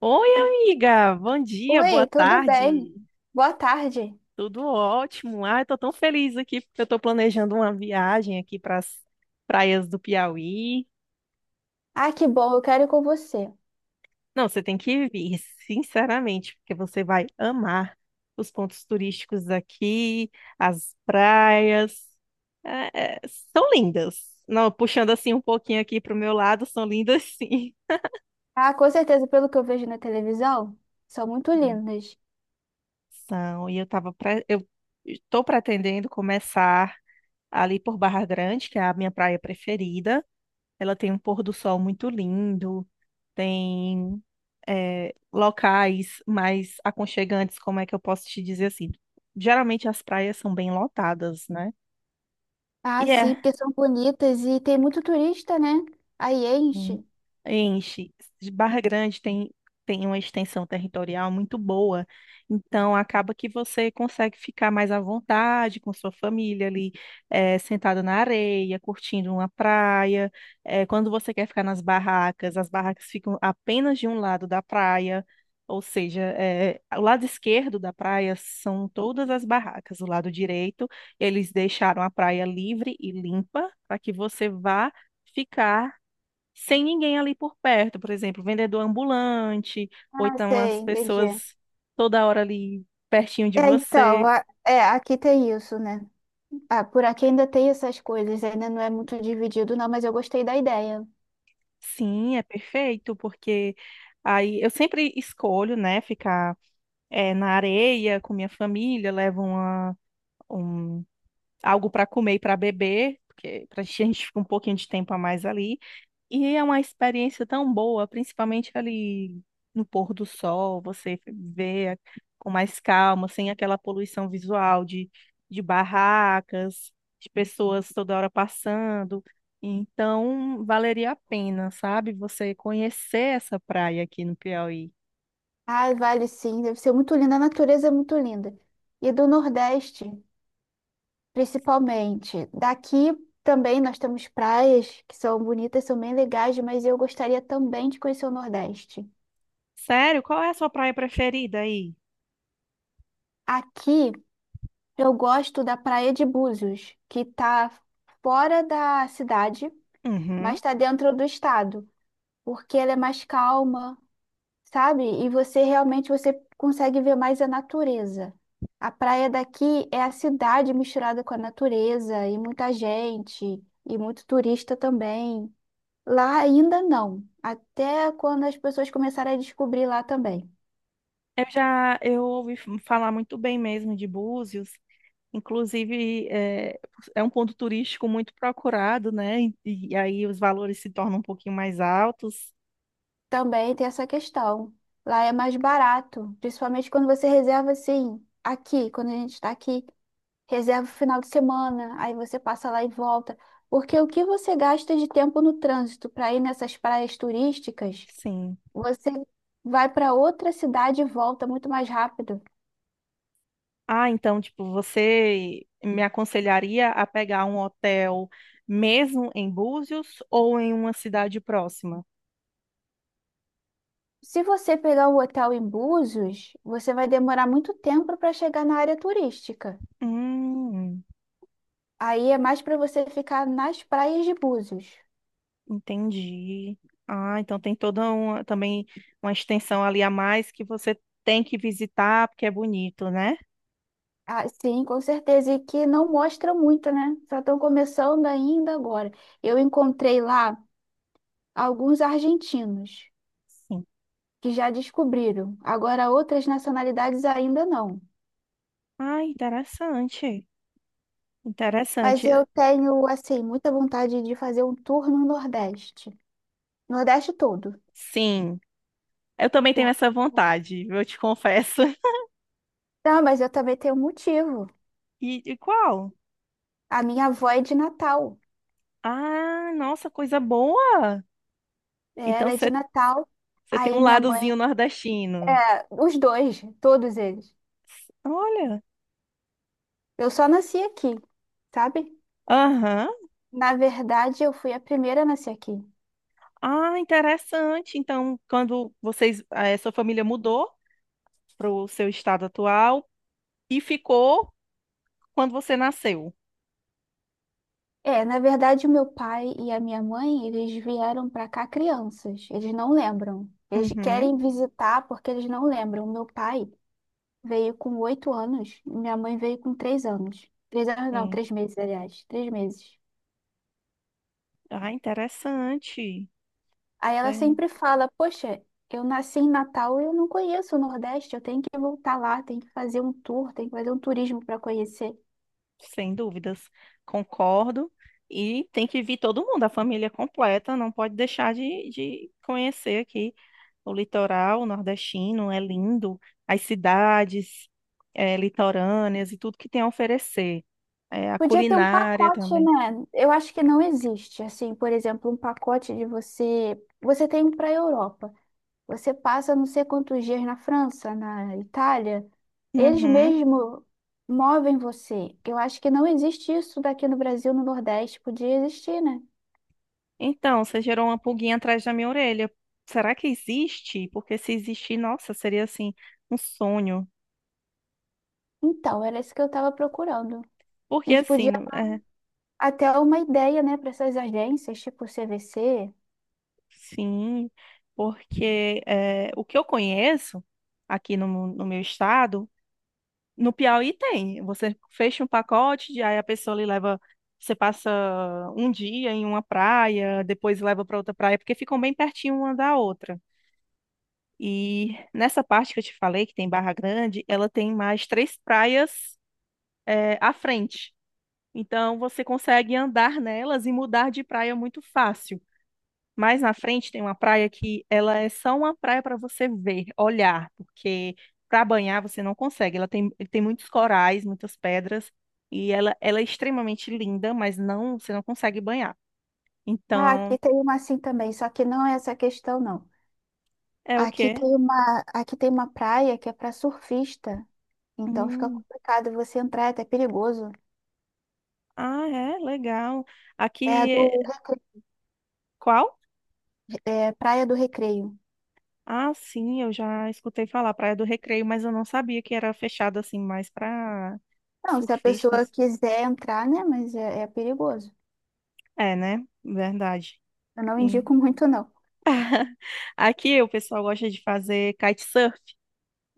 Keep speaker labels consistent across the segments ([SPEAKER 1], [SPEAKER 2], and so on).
[SPEAKER 1] Oi, amiga. Bom dia, boa
[SPEAKER 2] Oi, tudo bem?
[SPEAKER 1] tarde.
[SPEAKER 2] Boa tarde.
[SPEAKER 1] Tudo ótimo. Ai, tô tão feliz aqui porque eu tô planejando uma viagem aqui para as praias do Piauí.
[SPEAKER 2] Ah, que bom, eu quero ir com você.
[SPEAKER 1] Não, você tem que vir, sinceramente, porque você vai amar os pontos turísticos daqui, as praias. É, são lindas. Não, puxando assim um pouquinho aqui pro meu lado, são lindas sim.
[SPEAKER 2] Ah, com certeza, pelo que eu vejo na televisão, são muito lindas.
[SPEAKER 1] São. E eu estou pretendendo começar ali por Barra Grande, que é a minha praia preferida. Ela tem um pôr do sol muito lindo, tem locais mais aconchegantes, como é que eu posso te dizer assim? Geralmente as praias são bem lotadas, né?
[SPEAKER 2] Ah,
[SPEAKER 1] E
[SPEAKER 2] sim,
[SPEAKER 1] é.
[SPEAKER 2] porque são bonitas e tem muito turista, né? Aí
[SPEAKER 1] Hum.
[SPEAKER 2] enche.
[SPEAKER 1] Enche. Barra Grande tem uma extensão territorial muito boa, então acaba que você consegue ficar mais à vontade com sua família ali, sentada na areia, curtindo uma praia. Quando você quer ficar nas barracas, as barracas ficam apenas de um lado da praia, ou seja, o lado esquerdo da praia são todas as barracas, o lado direito, eles deixaram a praia livre e limpa para que você vá. Ficar sem ninguém ali por perto, por exemplo, vendedor ambulante, ou
[SPEAKER 2] Ah,
[SPEAKER 1] então
[SPEAKER 2] sei,
[SPEAKER 1] as
[SPEAKER 2] entendi.
[SPEAKER 1] pessoas toda hora ali pertinho de
[SPEAKER 2] É, então,
[SPEAKER 1] você.
[SPEAKER 2] é, aqui tem isso, né? Ah, por aqui ainda tem essas coisas, ainda não é muito dividido, não, mas eu gostei da ideia.
[SPEAKER 1] Sim, é perfeito, porque aí eu sempre escolho, né, ficar na areia com minha família, levo uma, um, algo para comer e para beber, porque pra gente, a gente fica um pouquinho de tempo a mais ali. E é uma experiência tão boa, principalmente ali no pôr do sol, você com mais calma, sem aquela poluição visual de barracas, de pessoas toda hora passando. Então, valeria a pena, sabe? Você conhecer essa praia aqui no Piauí.
[SPEAKER 2] Ah, vale sim, deve ser muito linda, a natureza é muito linda. E do Nordeste. Principalmente. Daqui também nós temos praias que são bonitas, são bem legais, mas eu gostaria também de conhecer o Nordeste.
[SPEAKER 1] Sério? Qual é a sua praia preferida aí?
[SPEAKER 2] Aqui eu gosto da Praia de Búzios, que está fora da cidade, mas
[SPEAKER 1] Uhum.
[SPEAKER 2] está dentro do estado, porque ela é mais calma, sabe? E você realmente você consegue ver mais a natureza. A praia daqui é a cidade misturada com a natureza e muita gente e muito turista também. Lá ainda não, até quando as pessoas começarem a descobrir lá também.
[SPEAKER 1] Eu já eu ouvi falar muito bem mesmo de Búzios. Inclusive, é um ponto turístico muito procurado, né? E aí os valores se tornam um pouquinho mais altos.
[SPEAKER 2] Também tem essa questão. Lá é mais barato, principalmente quando você reserva assim, aqui, quando a gente está aqui, reserva o final de semana, aí você passa lá e volta. Porque o que você gasta de tempo no trânsito para ir nessas praias turísticas,
[SPEAKER 1] Sim.
[SPEAKER 2] você vai para outra cidade e volta muito mais rápido.
[SPEAKER 1] Ah, então, tipo, você me aconselharia a pegar um hotel mesmo em Búzios ou em uma cidade próxima?
[SPEAKER 2] Se você pegar um hotel em Búzios, você vai demorar muito tempo para chegar na área turística.
[SPEAKER 1] Hum,
[SPEAKER 2] Aí é mais para você ficar nas praias de Búzios.
[SPEAKER 1] entendi. Ah, então tem toda uma, também uma extensão ali a mais que você tem que visitar porque é bonito, né?
[SPEAKER 2] Ah, sim, com certeza. E que não mostra muito, né? Só estão começando ainda agora. Eu encontrei lá alguns argentinos
[SPEAKER 1] Sim.
[SPEAKER 2] que já descobriram. Agora, outras nacionalidades ainda não.
[SPEAKER 1] Ah, interessante.
[SPEAKER 2] Mas
[SPEAKER 1] Interessante.
[SPEAKER 2] eu tenho, assim, muita vontade de fazer um tour no Nordeste. Nordeste todo.
[SPEAKER 1] Sim, eu também tenho
[SPEAKER 2] Por-
[SPEAKER 1] essa vontade, eu te confesso.
[SPEAKER 2] Não, mas eu também tenho um motivo.
[SPEAKER 1] E qual?
[SPEAKER 2] A minha avó é de Natal.
[SPEAKER 1] Ah, nossa, coisa boa!
[SPEAKER 2] É,
[SPEAKER 1] Então
[SPEAKER 2] ela é de
[SPEAKER 1] você
[SPEAKER 2] Natal.
[SPEAKER 1] você tem
[SPEAKER 2] Aí
[SPEAKER 1] um
[SPEAKER 2] minha mãe,
[SPEAKER 1] ladozinho nordestino.
[SPEAKER 2] é, os dois, todos eles.
[SPEAKER 1] Olha,
[SPEAKER 2] Eu só nasci aqui, sabe?
[SPEAKER 1] aham.
[SPEAKER 2] Na verdade, eu fui a primeira a nascer aqui.
[SPEAKER 1] Ah, interessante. Então, quando vocês, a sua família mudou para o seu estado atual e ficou quando você nasceu.
[SPEAKER 2] É, na verdade, o meu pai e a minha mãe, eles vieram pra cá crianças. Eles não lembram. Eles
[SPEAKER 1] Uhum,
[SPEAKER 2] querem visitar porque eles não lembram. Meu pai veio com 8 anos, minha mãe veio com 3 anos. 3 anos não,
[SPEAKER 1] sim.
[SPEAKER 2] 3 meses, aliás. 3 meses.
[SPEAKER 1] Ah, interessante.
[SPEAKER 2] Aí ela
[SPEAKER 1] Bem,
[SPEAKER 2] sempre fala: "Poxa, eu nasci em Natal e eu não conheço o Nordeste, eu tenho que voltar lá, tenho que fazer um tour, tenho que fazer um turismo para conhecer."
[SPEAKER 1] sem dúvidas, concordo. E tem que vir todo mundo, a família completa, não pode deixar de conhecer aqui o litoral nordestino, é lindo, as cidades litorâneas e tudo que tem a oferecer. A
[SPEAKER 2] Podia ter um
[SPEAKER 1] culinária
[SPEAKER 2] pacote,
[SPEAKER 1] também.
[SPEAKER 2] né? Eu acho que não existe, assim, por exemplo, um pacote de você. Você tem para a Europa, você passa não sei quantos dias na França, na Itália, eles
[SPEAKER 1] Uhum.
[SPEAKER 2] mesmo movem você. Eu acho que não existe isso daqui no Brasil, no Nordeste, podia existir, né?
[SPEAKER 1] Então, você gerou uma pulguinha atrás da minha orelha. Será que existe? Porque se existir, nossa, seria assim, um sonho.
[SPEAKER 2] Então, era isso que eu estava procurando. A
[SPEAKER 1] Porque
[SPEAKER 2] gente
[SPEAKER 1] assim,
[SPEAKER 2] podia
[SPEAKER 1] no-
[SPEAKER 2] até uma ideia, né, para essas agências, tipo CVC.
[SPEAKER 1] Sim, porque é, o que eu conheço aqui no, no meu estado, no Piauí tem. Você fecha um pacote, aí a pessoa lhe leva, você passa um dia em uma praia, depois leva para outra praia, porque ficam bem pertinho uma da outra. E nessa parte que eu te falei, que tem Barra Grande, ela tem mais três praias à frente. Então você consegue andar nelas e mudar de praia muito fácil. Mais na frente tem uma praia que ela é só uma praia para você ver, olhar, porque para banhar você não consegue. Ela tem muitos corais, muitas pedras, e ela é extremamente linda, mas não, você não consegue banhar.
[SPEAKER 2] Ah,
[SPEAKER 1] Então,
[SPEAKER 2] aqui tem uma assim também, só que não é essa questão, não.
[SPEAKER 1] é o
[SPEAKER 2] Aqui
[SPEAKER 1] quê?
[SPEAKER 2] tem uma, aqui tem uma praia que é para surfista, então fica
[SPEAKER 1] Hum,
[SPEAKER 2] complicado você entrar, é até perigoso.
[SPEAKER 1] ah, é, legal.
[SPEAKER 2] É a
[SPEAKER 1] Aqui,
[SPEAKER 2] do,
[SPEAKER 1] qual?
[SPEAKER 2] é Praia do Recreio.
[SPEAKER 1] Ah, sim, eu já escutei falar, Praia do Recreio, mas eu não sabia que era fechada assim mais para
[SPEAKER 2] Não, se a pessoa
[SPEAKER 1] surfistas.
[SPEAKER 2] quiser entrar, né, mas é perigoso.
[SPEAKER 1] É, né? Verdade.
[SPEAKER 2] Eu não
[SPEAKER 1] E-
[SPEAKER 2] indico muito, não.
[SPEAKER 1] Aqui o pessoal gosta de fazer kitesurf.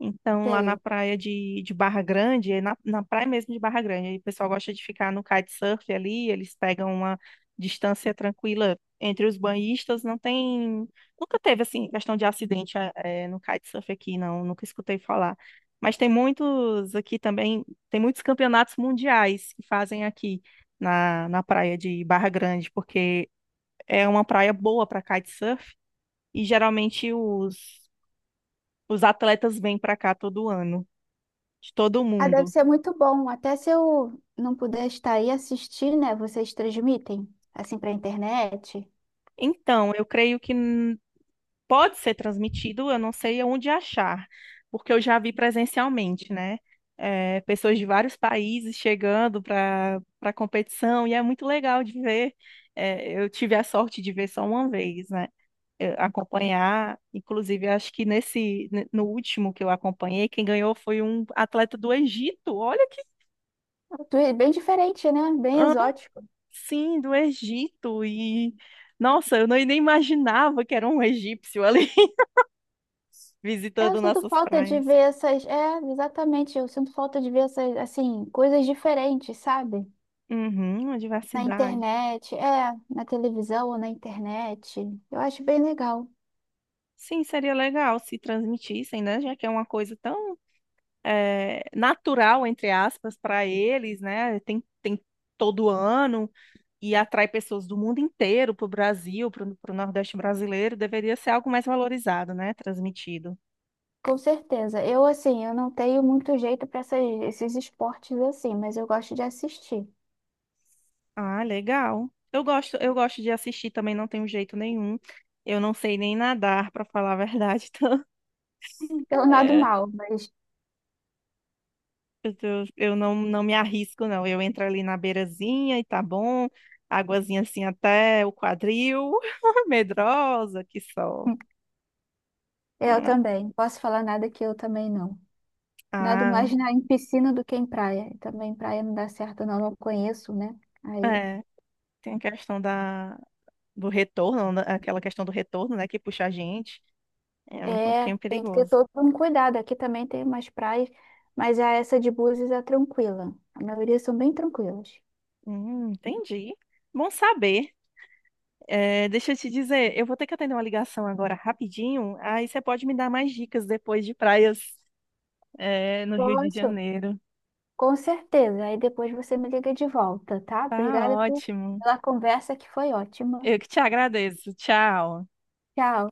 [SPEAKER 1] Então, lá na
[SPEAKER 2] Sei.
[SPEAKER 1] praia de Barra Grande, é na, na praia mesmo de Barra Grande, aí o pessoal gosta de ficar no kitesurf ali, eles pegam uma distância tranquila entre os banhistas, não tem... Nunca teve, assim, questão de acidente no kitesurf aqui, não, nunca escutei falar. Mas tem muitos aqui também, tem muitos campeonatos mundiais que fazem aqui na, na praia de Barra Grande, porque é uma praia boa para kitesurf, e geralmente os atletas vêm para cá todo ano, de todo
[SPEAKER 2] Ah, deve
[SPEAKER 1] mundo.
[SPEAKER 2] ser muito bom. Até se eu não puder estar aí assistir, né, vocês transmitem, assim, para internet.
[SPEAKER 1] Então, eu creio que pode ser transmitido, eu não sei onde achar, porque eu já vi presencialmente, né? É, pessoas de vários países chegando para para a competição, e é muito legal de ver. É, eu tive a sorte de ver só uma vez, né? Eu acompanhar, inclusive, eu acho que no último que eu acompanhei, quem ganhou foi um atleta do Egito. Olha que.
[SPEAKER 2] Bem diferente, né? Bem exótico.
[SPEAKER 1] Sim, do Egito. E nossa, eu não- nem imaginava que era um egípcio ali
[SPEAKER 2] É, eu
[SPEAKER 1] visitando
[SPEAKER 2] sinto
[SPEAKER 1] nossas
[SPEAKER 2] falta de
[SPEAKER 1] praias.
[SPEAKER 2] ver essas. É, exatamente. Eu sinto falta de ver essas, assim, coisas diferentes, sabe?
[SPEAKER 1] Uhum, uma
[SPEAKER 2] Na
[SPEAKER 1] diversidade.
[SPEAKER 2] internet, é, na televisão ou na internet. Eu acho bem legal.
[SPEAKER 1] Sim, seria legal se transmitissem, né? Já que é uma coisa tão natural, entre aspas, para eles, né? Tem todo ano e atrai pessoas do mundo inteiro para o Brasil, para o Nordeste brasileiro. Deveria ser algo mais valorizado, né? Transmitido.
[SPEAKER 2] Com certeza. Eu, assim, eu não tenho muito jeito para esses esportes assim, mas eu gosto de assistir.
[SPEAKER 1] Ah, legal. Eu gosto de assistir também, não tenho jeito nenhum. Eu não sei nem nadar, pra falar a verdade.
[SPEAKER 2] Eu
[SPEAKER 1] Então,
[SPEAKER 2] nado
[SPEAKER 1] é,
[SPEAKER 2] mal, mas
[SPEAKER 1] eu, eu não, não me arrisco, não. Eu entro ali na beirazinha e tá bom. Águazinha assim até o quadril. Medrosa, que só.
[SPEAKER 2] eu
[SPEAKER 1] Ah,
[SPEAKER 2] também. Não posso falar nada que eu também não. Nado mais
[SPEAKER 1] ah,
[SPEAKER 2] na, em piscina do que em praia. E também praia não dá certo, não. Não conheço, né? Aí.
[SPEAKER 1] é. Tem a questão da, do retorno, né, aquela questão do retorno, né, que puxa a gente. É um
[SPEAKER 2] É,
[SPEAKER 1] pouquinho
[SPEAKER 2] tem que ter
[SPEAKER 1] perigoso.
[SPEAKER 2] todo um cuidado. Aqui também tem umas praias, mas a essa de Búzios é tranquila. A maioria são bem tranquilas.
[SPEAKER 1] Entendi. Bom saber. É, deixa eu te dizer, eu vou ter que atender uma ligação agora rapidinho, aí você pode me dar mais dicas depois de praias, é, no Rio de
[SPEAKER 2] Posso?
[SPEAKER 1] Janeiro.
[SPEAKER 2] Com certeza. Aí depois você me liga de volta, tá?
[SPEAKER 1] Tá
[SPEAKER 2] Obrigada
[SPEAKER 1] ótimo.
[SPEAKER 2] pela conversa que foi ótima.
[SPEAKER 1] Eu que te agradeço. Tchau.
[SPEAKER 2] Tchau.